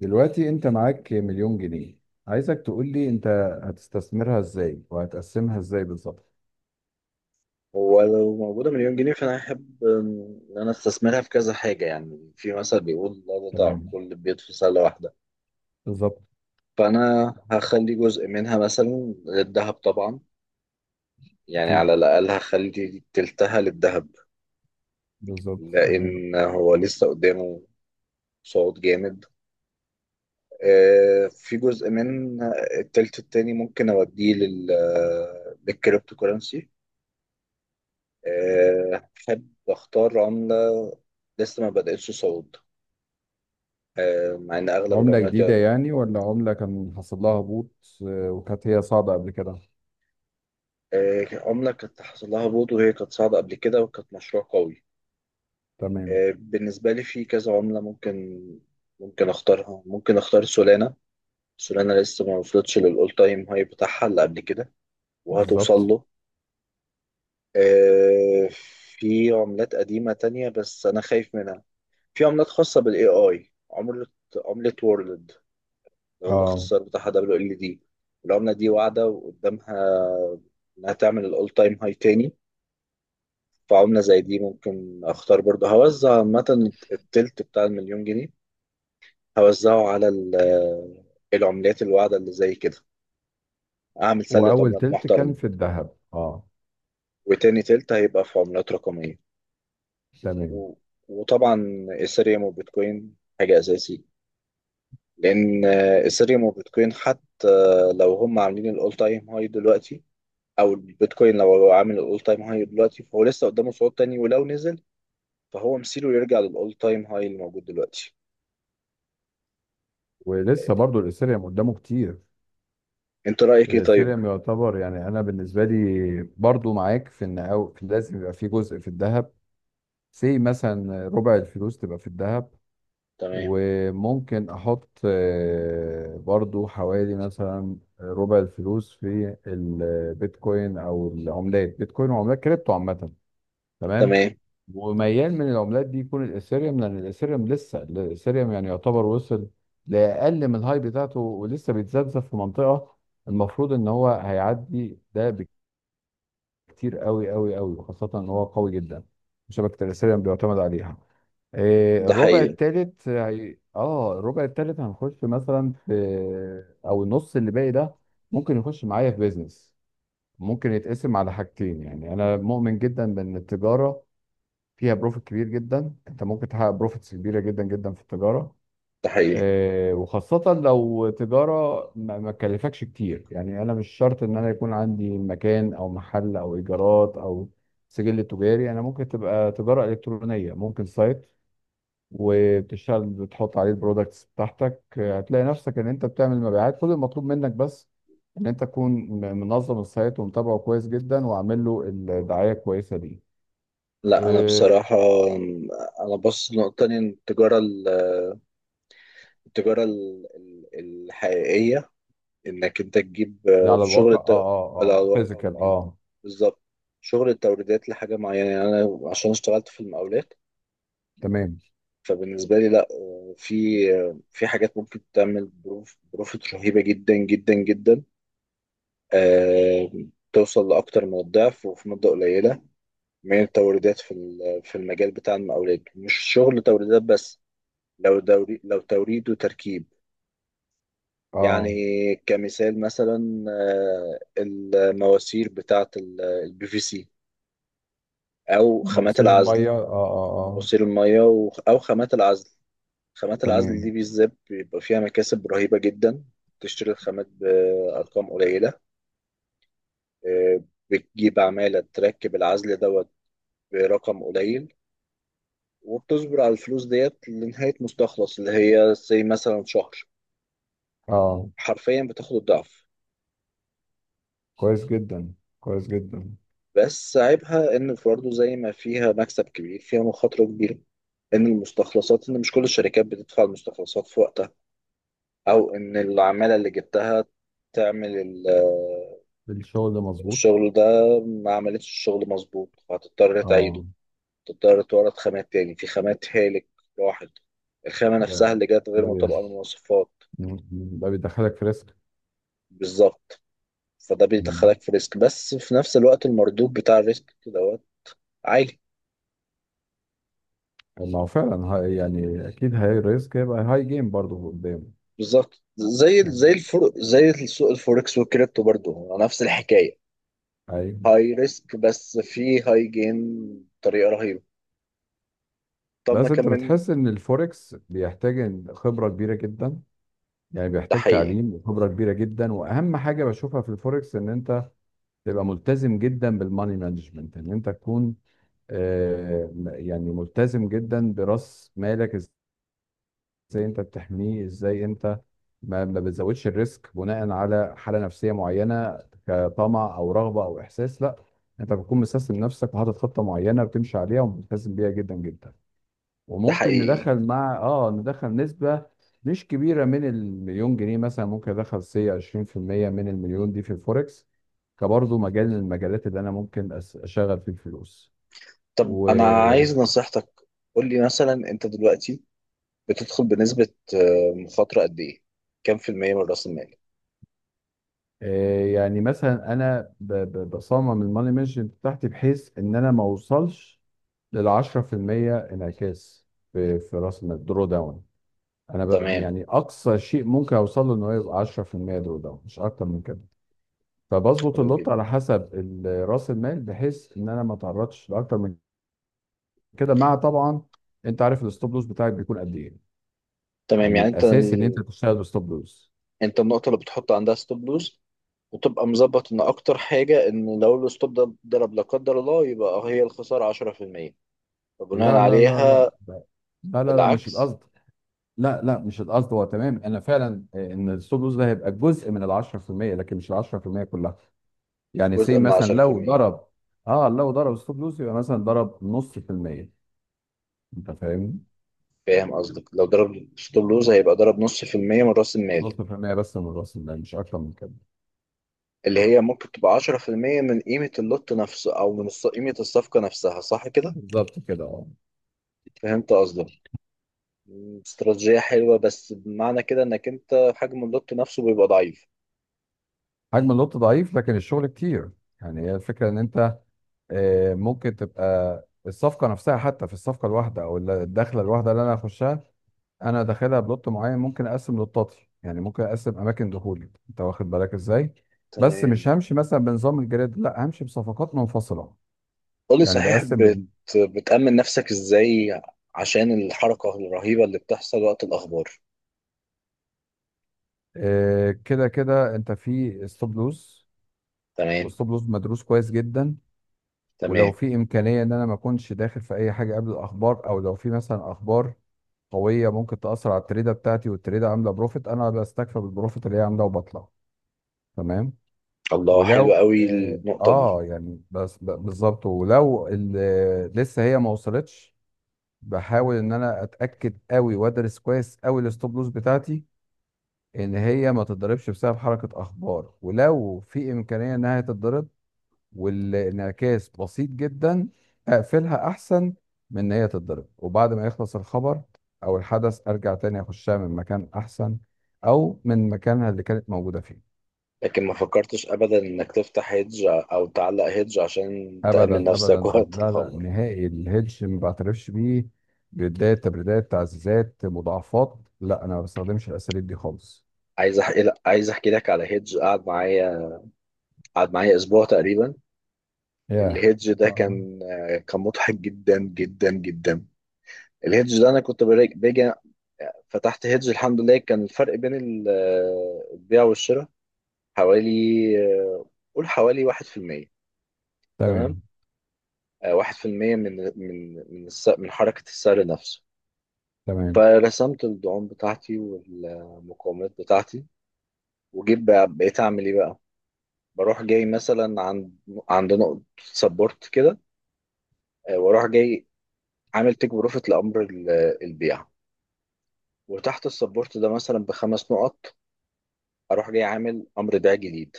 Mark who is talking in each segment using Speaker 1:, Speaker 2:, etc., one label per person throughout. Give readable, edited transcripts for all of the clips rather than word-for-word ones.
Speaker 1: دلوقتي انت معاك مليون جنيه. عايزك تقول لي انت هتستثمرها ازاي وهتقسمها ازاي بالظبط؟
Speaker 2: هو لو موجودة مليون جنيه فأنا أحب إن أنا أستثمرها في كذا حاجة، يعني في مثل بيقول لا تضع كل
Speaker 1: تمام.
Speaker 2: البيض في سلة واحدة.
Speaker 1: بالظبط.
Speaker 2: فأنا هخلي جزء منها مثلا للذهب طبعا، يعني
Speaker 1: اكيد.
Speaker 2: على الأقل هخلي تلتها للذهب
Speaker 1: بالظبط، تمام.
Speaker 2: لأن هو لسه قدامه صعود جامد. في جزء من التلت التاني ممكن أوديه لل للكريبتو كورنسي. أحب أختار عملة لسه ما بدأتش صعود، مع ان اغلب
Speaker 1: عملة
Speaker 2: العملات
Speaker 1: جديدة
Speaker 2: يقعد.
Speaker 1: يعني، ولا عملة كان حصل لها هبوط؟ آه، وكانت هي صاعدة قبل كده.
Speaker 2: عمله كانت حصل لها هبوط وهي كانت صاعده قبل كده وكانت مشروع قوي.
Speaker 1: تمام،
Speaker 2: بالنسبه لي في كذا عمله ممكن اختارها، ممكن اختار سولانا. سولانا لسه ما وصلتش للاول تايم هاي بتاعها اللي قبل كده وهتوصل
Speaker 1: بالظبط،
Speaker 2: له. آه، في عملات قديمه تانية بس انا خايف منها. في عملات خاصه بالAI، عمله، عمله وورلد،
Speaker 1: اه.
Speaker 2: الاختصار بتاعها WLD. العمله دي واعده وقدامها انها تعمل الاول تايم هاي تاني. في عملة زي دي ممكن اختار برضه. هوزع عامة التلت بتاع المليون جنيه، هوزعه على العملات الواعدة اللي زي كده، اعمل سلة
Speaker 1: واول
Speaker 2: عملات
Speaker 1: تلت
Speaker 2: محترمة.
Speaker 1: كان في الذهب، اه.
Speaker 2: وتاني تلت هيبقى في عملات رقمية.
Speaker 1: تمام.
Speaker 2: و... وطبعا ايثيريوم وبيتكوين حاجة اساسي، لان ايثيريوم وبيتكوين حتى لو هم عاملين الاول تايم هاي دلوقتي، او البيتكوين لو هو عامل الاول تايم هاي دلوقتي فهو لسه قدامه صعود تاني. ولو نزل فهو مصيره يرجع للاول تايم هاي اللي موجود دلوقتي.
Speaker 1: ولسه برضو الاثيريوم قدامه كتير.
Speaker 2: انت رأيك ايه طيب؟
Speaker 1: الاثيريوم يعتبر، يعني انا بالنسبة لي برضو معاك في ان أو لازم يبقى في جزء في الذهب. سي مثلا ربع الفلوس تبقى في الذهب.
Speaker 2: تمام،
Speaker 1: وممكن احط برضو حوالي مثلا ربع الفلوس في البيتكوين او العملات، بيتكوين وعملات كريبتو عامه. تمام.
Speaker 2: تمام.
Speaker 1: وميال من العملات دي يكون الاثيريوم، لان الاثيريوم لسه يعني يعتبر وصل لاقل من الهاي بتاعته، ولسه بيتذبذب في منطقه المفروض ان هو هيعدي ده بكتير، قوي قوي قوي، وخاصه ان هو قوي جدا. شبكه الاثيريوم بيعتمد عليها.
Speaker 2: ده
Speaker 1: الربع
Speaker 2: حقيقي.
Speaker 1: التالت الربع التالت هنخش مثلا في، او النص اللي باقي ده، ممكن يخش معايا في بيزنس. ممكن يتقسم على حاجتين. يعني انا مؤمن جدا بان التجاره فيها بروفيت كبير جدا. انت ممكن تحقق بروفيتس كبيره جدا جدا في التجاره.
Speaker 2: ده حقيقي.
Speaker 1: وخاصه لو تجاره ما تكلفكش كتير. يعني انا مش شرط ان انا يكون عندي مكان او محل او ايجارات او سجل تجاري. انا ممكن تبقى تجاره الكترونيه، ممكن سايت وبتشتغل، بتحط عليه البرودكتس بتاعتك، هتلاقي نفسك ان انت بتعمل مبيعات. كل المطلوب منك بس ان انت تكون منظم السايت ومتابعه كويس جدا وعامل له الدعايه كويسه دي.
Speaker 2: لا انا
Speaker 1: إيه.
Speaker 2: بصراحة، انا بص نقطة تانية. التجارة التجارة الحقيقية انك انت تجيب
Speaker 1: اللي على
Speaker 2: شغل
Speaker 1: الواقع، اه. اه،
Speaker 2: على
Speaker 1: اه،
Speaker 2: الواقع
Speaker 1: فيزيكال،
Speaker 2: وتجيب
Speaker 1: اه.
Speaker 2: بالظبط شغل التوريدات لحاجة معينة، يعني انا عشان اشتغلت في المقاولات
Speaker 1: تمام،
Speaker 2: فبالنسبة لي لا، في، في حاجات ممكن تعمل بروفيت رهيبة جدا جدا جدا، آه، توصل لأكتر من الضعف وفي مدة قليلة من التوريدات في في المجال بتاع المقاولات. مش شغل توريدات بس، لو دوري لو توريد وتركيب. يعني
Speaker 1: اه.
Speaker 2: كمثال مثلا، المواسير بتاعة PVC، أو خامات
Speaker 1: مواسير
Speaker 2: العزل.
Speaker 1: الميه، اه، اه، اه.
Speaker 2: مواسير المية أو خامات العزل. خامات العزل دي
Speaker 1: تمام،
Speaker 2: بالذات بيبقى فيها مكاسب رهيبة جدا. تشتري الخامات بأرقام قليلة، آه، بتجيب عمالة تركب العزل دوت برقم قليل، وبتصبر على الفلوس ديت لنهاية مستخلص اللي هي زي مثلا شهر.
Speaker 1: اه.
Speaker 2: حرفيا بتاخد الضعف.
Speaker 1: كويس جدا، كويس جدا.
Speaker 2: بس عيبها إن برضه زي ما فيها مكسب كبير فيها مخاطرة كبيرة. إن المستخلصات، إن مش كل الشركات بتدفع المستخلصات في وقتها، أو إن العمالة اللي جبتها تعمل
Speaker 1: الشغل ده مظبوط،
Speaker 2: الشغل ده، ما عملتش الشغل مظبوط فهتضطر تعيده.
Speaker 1: اه.
Speaker 2: تضطر تورد خامات تاني. في خامات هالك راحت، الخامة
Speaker 1: ده
Speaker 2: نفسها اللي جت غير
Speaker 1: ده
Speaker 2: مطابقة
Speaker 1: بي-
Speaker 2: للمواصفات.
Speaker 1: ده بيدخلك في ريسك.
Speaker 2: بالظبط، فده بيدخلك في ريسك بس في نفس الوقت المردود بتاع الريسك دوت عالي.
Speaker 1: ما هو فعلا هاي، يعني اكيد هاي ريسك، هيبقى هاي جيم برضه قدامه.
Speaker 2: بالظبط، زي زي
Speaker 1: يعني
Speaker 2: الفر زي السوق الفوركس والكريبتو برضو هو نفس الحكايه.
Speaker 1: هاي.
Speaker 2: هاي ريسك بس في هاي جين بطريقه رهيبه. طب ما
Speaker 1: بس انت
Speaker 2: كمل.
Speaker 1: بتحس ان الفوركس بيحتاج إن خبره كبيره جدا. يعني
Speaker 2: ده
Speaker 1: بيحتاج
Speaker 2: حقيقي.
Speaker 1: تعليم وخبره كبيره جدا. واهم حاجه بشوفها في الفوركس ان انت تبقى ملتزم جدا بالماني مانجمنت، ان انت تكون يعني ملتزم جدا براس مالك. ازاي انت بتحميه؟ ازاي انت ما بتزودش الريسك بناء على حاله نفسيه معينه، كطمع او رغبه او احساس؟ لا. انت بتكون مسيستم نفسك وحاطط خطه معينه بتمشي عليها وملتزم بيها جدا جدا.
Speaker 2: ده
Speaker 1: وممكن
Speaker 2: حقيقي.
Speaker 1: ندخل، مع ندخل نسبه مش كبيره من المليون جنيه. مثلا ممكن ادخل سي 20% من المليون دي في الفوركس، كبرضه مجال من المجالات اللي انا ممكن اشغل فيه الفلوس.
Speaker 2: طب
Speaker 1: و
Speaker 2: انا عايز نصيحتك، قول لي مثلا انت دلوقتي بتدخل بنسبه مخاطره قد ايه؟ كام في المية من راس المال؟
Speaker 1: يعني مثلا انا بصمم الماني مانجمنت بتاعتي بحيث ان انا ما اوصلش لل 10% انعكاس في راس المال، درو داون. انا ب،
Speaker 2: تمام.
Speaker 1: يعني اقصى شيء ممكن اوصل له ان هو يبقى 10% درو داون، مش اكتر من كده. فبظبط
Speaker 2: حلو
Speaker 1: اللوت
Speaker 2: جدا.
Speaker 1: على حسب راس المال، بحيث ان انا ما اتعرضش لاكتر من كده، مع طبعا انت عارف الستوب لوس بتاعك بيكون قد ايه.
Speaker 2: تمام، يعني
Speaker 1: يعني
Speaker 2: انت،
Speaker 1: اساسي ان انت تشتغل بستوب لوس.
Speaker 2: انت النقطه اللي بتحط عندها ستوب لوز، وتبقى مظبط ان اكتر حاجه ان لو الستوب ده ضرب لا قدر الله يبقى هي الخساره 10%. فبناء
Speaker 1: لا لا لا لا
Speaker 2: عليها
Speaker 1: لا. لا لا، لا مش
Speaker 2: العكس،
Speaker 1: القصد. لا لا، مش القصد. هو تمام، انا فعلا، آه، ان الستوب لوس ده هيبقى جزء من ال 10%، لكن مش ال 10% كلها. يعني سي
Speaker 2: جزء من
Speaker 1: مثلا لو
Speaker 2: 10%.
Speaker 1: ضرب، اه، لو ضرب ستوب لوس، يبقى مثلا ضرب نص في المية. انت فاهم؟
Speaker 2: فاهم قصدك، لو ضرب ستوب لوز هيبقى ضرب نص في المية من راس المال
Speaker 1: نص في المية بس من الراس المال، مش اكتر من كده.
Speaker 2: اللي هي ممكن تبقى 10% من قيمه اللوت نفسه او من قيمه الصفقه نفسها، صح كده؟
Speaker 1: بالظبط كده، اه.
Speaker 2: فهمت قصدك. استراتيجيه حلوه بس بمعنى كده انك انت حجم اللوت نفسه بيبقى ضعيف.
Speaker 1: حجم اللوت ضعيف، لكن الشغل كتير. يعني هي الفكرة ان انت، آه، ممكن تبقى الصفقه نفسها. حتى في الصفقه الواحده او الدخله الواحده اللي انا هخشها، انا داخلها بلوت معين. ممكن اقسم لوتاتي. يعني ممكن اقسم اماكن دخولي، انت واخد بالك ازاي؟ بس
Speaker 2: تمام.
Speaker 1: مش همشي مثلا بنظام الجريد، لا، همشي بصفقات منفصله.
Speaker 2: قولي
Speaker 1: يعني
Speaker 2: صحيح،
Speaker 1: بقسم
Speaker 2: بتأمن نفسك ازاي عشان الحركة الرهيبة اللي بتحصل وقت الأخبار؟
Speaker 1: كده كده انت في ستوب لوز،
Speaker 2: تمام.
Speaker 1: والستوب لوز مدروس كويس جدا.
Speaker 2: تمام.
Speaker 1: ولو في امكانيه ان انا ما اكونش داخل في اي حاجه قبل الاخبار، او لو في مثلا اخبار قويه ممكن تاثر على التريده بتاعتي والتريده عامله بروفيت، انا بستكفى بالبروفيت اللي هي عامله وبطلع. تمام.
Speaker 2: الله، حلو
Speaker 1: ولو
Speaker 2: قوي
Speaker 1: اه،
Speaker 2: النقطة دي.
Speaker 1: آه، يعني بس بالظبط، ولو لسه هي ما وصلتش، بحاول ان انا اتاكد قوي وادرس كويس قوي الستوب لوس بتاعتي، ان هي ما تتضربش بسبب حركه اخبار. ولو في امكانيه انها تتضرب والانعكاس بسيط جدا، اقفلها احسن من ان هي تتضرب. وبعد ما يخلص الخبر او الحدث، ارجع تاني اخشها من مكان احسن، او من مكانها اللي كانت موجوده فيه.
Speaker 2: لكن ما فكرتش أبدا إنك تفتح هيدج أو تعلق هيدج عشان
Speaker 1: ابدا،
Speaker 2: تأمن
Speaker 1: ابدا.
Speaker 2: نفسك وقت
Speaker 1: لا لا،
Speaker 2: الخبر؟
Speaker 1: نهائي الهيدج ما بعترفش بيه. بيدات، تبريدات، تعزيزات، مضاعفات، لا، انا ما بستخدمش الاساليب دي خالص.
Speaker 2: عايز أحكي لك على هيدج قعد معايا، قعد معايا أسبوع تقريبا.
Speaker 1: ياه.
Speaker 2: الهيدج ده
Speaker 1: اه.
Speaker 2: كان مضحك جدا جدا جدا. الهيدج ده أنا كنت باجي، فتحت هيدج. الحمد لله كان الفرق بين البيع والشراء حوالي، آه، قول حوالي واحد في المية. تمام.
Speaker 1: تمام.
Speaker 2: واحد في المية من من حركة السعر نفسه.
Speaker 1: تمام.
Speaker 2: فرسمت الدعوم بتاعتي والمقاومات بتاعتي، وجيت بقيت أعمل إيه بقى. بروح جاي مثلا عند، عند نقطة سبورت كده. واروح جاي عامل تيك بروفيت لأمر البيع. وتحت السبورت ده مثلا بخمس نقط أروح جاي عامل أمر بيع جديد.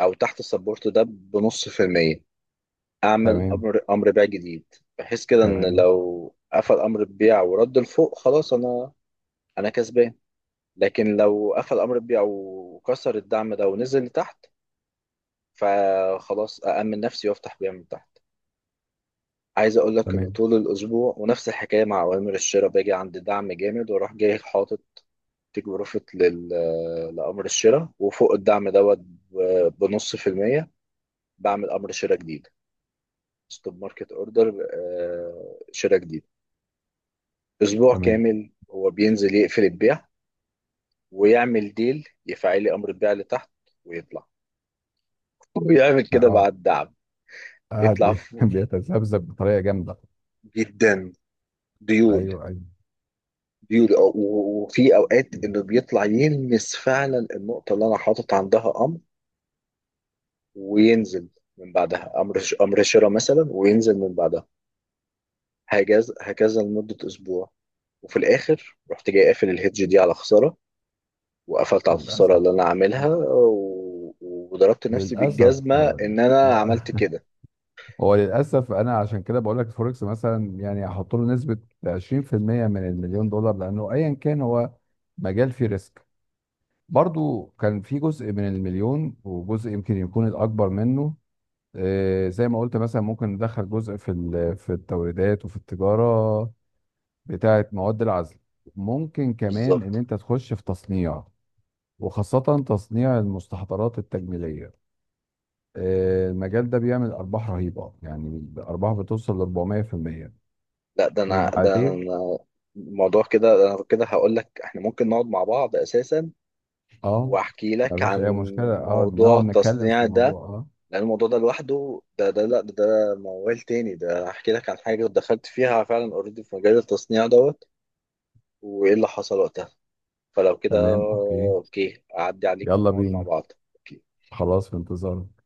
Speaker 2: أو تحت السبورت ده بنص في المية اعمل
Speaker 1: تمام.
Speaker 2: امر بيع جديد، بحيث كده ان
Speaker 1: تمام.
Speaker 2: لو قفل امر البيع ورد لفوق خلاص انا، انا كسبان. لكن لو قفل امر البيع وكسر الدعم ده ونزل لتحت فخلاص أأمن نفسي وافتح بيع من تحت. عايز اقول لك ان
Speaker 1: تمام.
Speaker 2: طول الاسبوع ونفس الحكايه مع اوامر الشراء، باجي عند دعم جامد واروح جاي حاطط تيك بروفيت لامر الشراء وفوق الدعم دوت بنص في المية بعمل امر شراء جديد، ستوب ماركت اوردر، شراء جديد. اسبوع
Speaker 1: تمام.
Speaker 2: كامل هو بينزل يقفل البيع، ويعمل ديل يفعلي امر البيع لتحت ويطلع، ويعمل كده مع
Speaker 1: اه.
Speaker 2: الدعم يطلع
Speaker 1: قاعد
Speaker 2: فوق.
Speaker 1: بيتذبذب بطريقه جامده.
Speaker 2: جدا. ديول،
Speaker 1: ايوه.
Speaker 2: ديول وفي اوقات انه بيطلع يلمس فعلا النقطه اللي انا حاطط عندها امر وينزل من بعدها. امر امر شراء مثلا وينزل من بعدها. هكذا هكذا لمده اسبوع. وفي الاخر رحت جاي قافل الهيدج دي على خساره، وقفلت على الخساره
Speaker 1: للأسف،
Speaker 2: اللي انا عاملها وضربت نفسي
Speaker 1: للأسف،
Speaker 2: بالجزمه ان انا عملت
Speaker 1: آه.
Speaker 2: كده.
Speaker 1: هو للأسف أنا عشان كده بقول لك الفوركس مثلا، يعني أحط له نسبة 20% من المليون دولار، لأنه أيا كان هو مجال فيه ريسك. برضو كان في جزء من المليون، وجزء يمكن يكون الأكبر منه. زي ما قلت، مثلا ممكن ندخل جزء في في التوريدات وفي التجارة بتاعة مواد العزل. ممكن كمان إن
Speaker 2: بالظبط.
Speaker 1: أنت تخش في تصنيع، وخاصة تصنيع المستحضرات التجميلية. المجال ده بيعمل ارباح رهيبه، يعني ارباح بتوصل ل 400%.
Speaker 2: لا ده انا ده
Speaker 1: وبعدين،
Speaker 2: انا الموضوع كده، ده انا كده هقول لك احنا ممكن نقعد مع بعض اساسا
Speaker 1: اه،
Speaker 2: واحكي
Speaker 1: ما
Speaker 2: لك
Speaker 1: فيش
Speaker 2: عن
Speaker 1: اي مشكله، اه،
Speaker 2: موضوع
Speaker 1: نقعد نتكلم في
Speaker 2: التصنيع ده،
Speaker 1: الموضوع، اه.
Speaker 2: لان الموضوع ده لوحده ده لا ده موال تاني. ده احكي لك عن حاجه دخلت فيها فعلا اوريدي في مجال التصنيع دوت وايه اللي حصل وقتها. فلو كده
Speaker 1: تمام، اوكي.
Speaker 2: اوكي اعدي عليك
Speaker 1: يلا
Speaker 2: ونقعد مع
Speaker 1: بينا.
Speaker 2: بعض أوكي.
Speaker 1: خلاص، في انتظارك.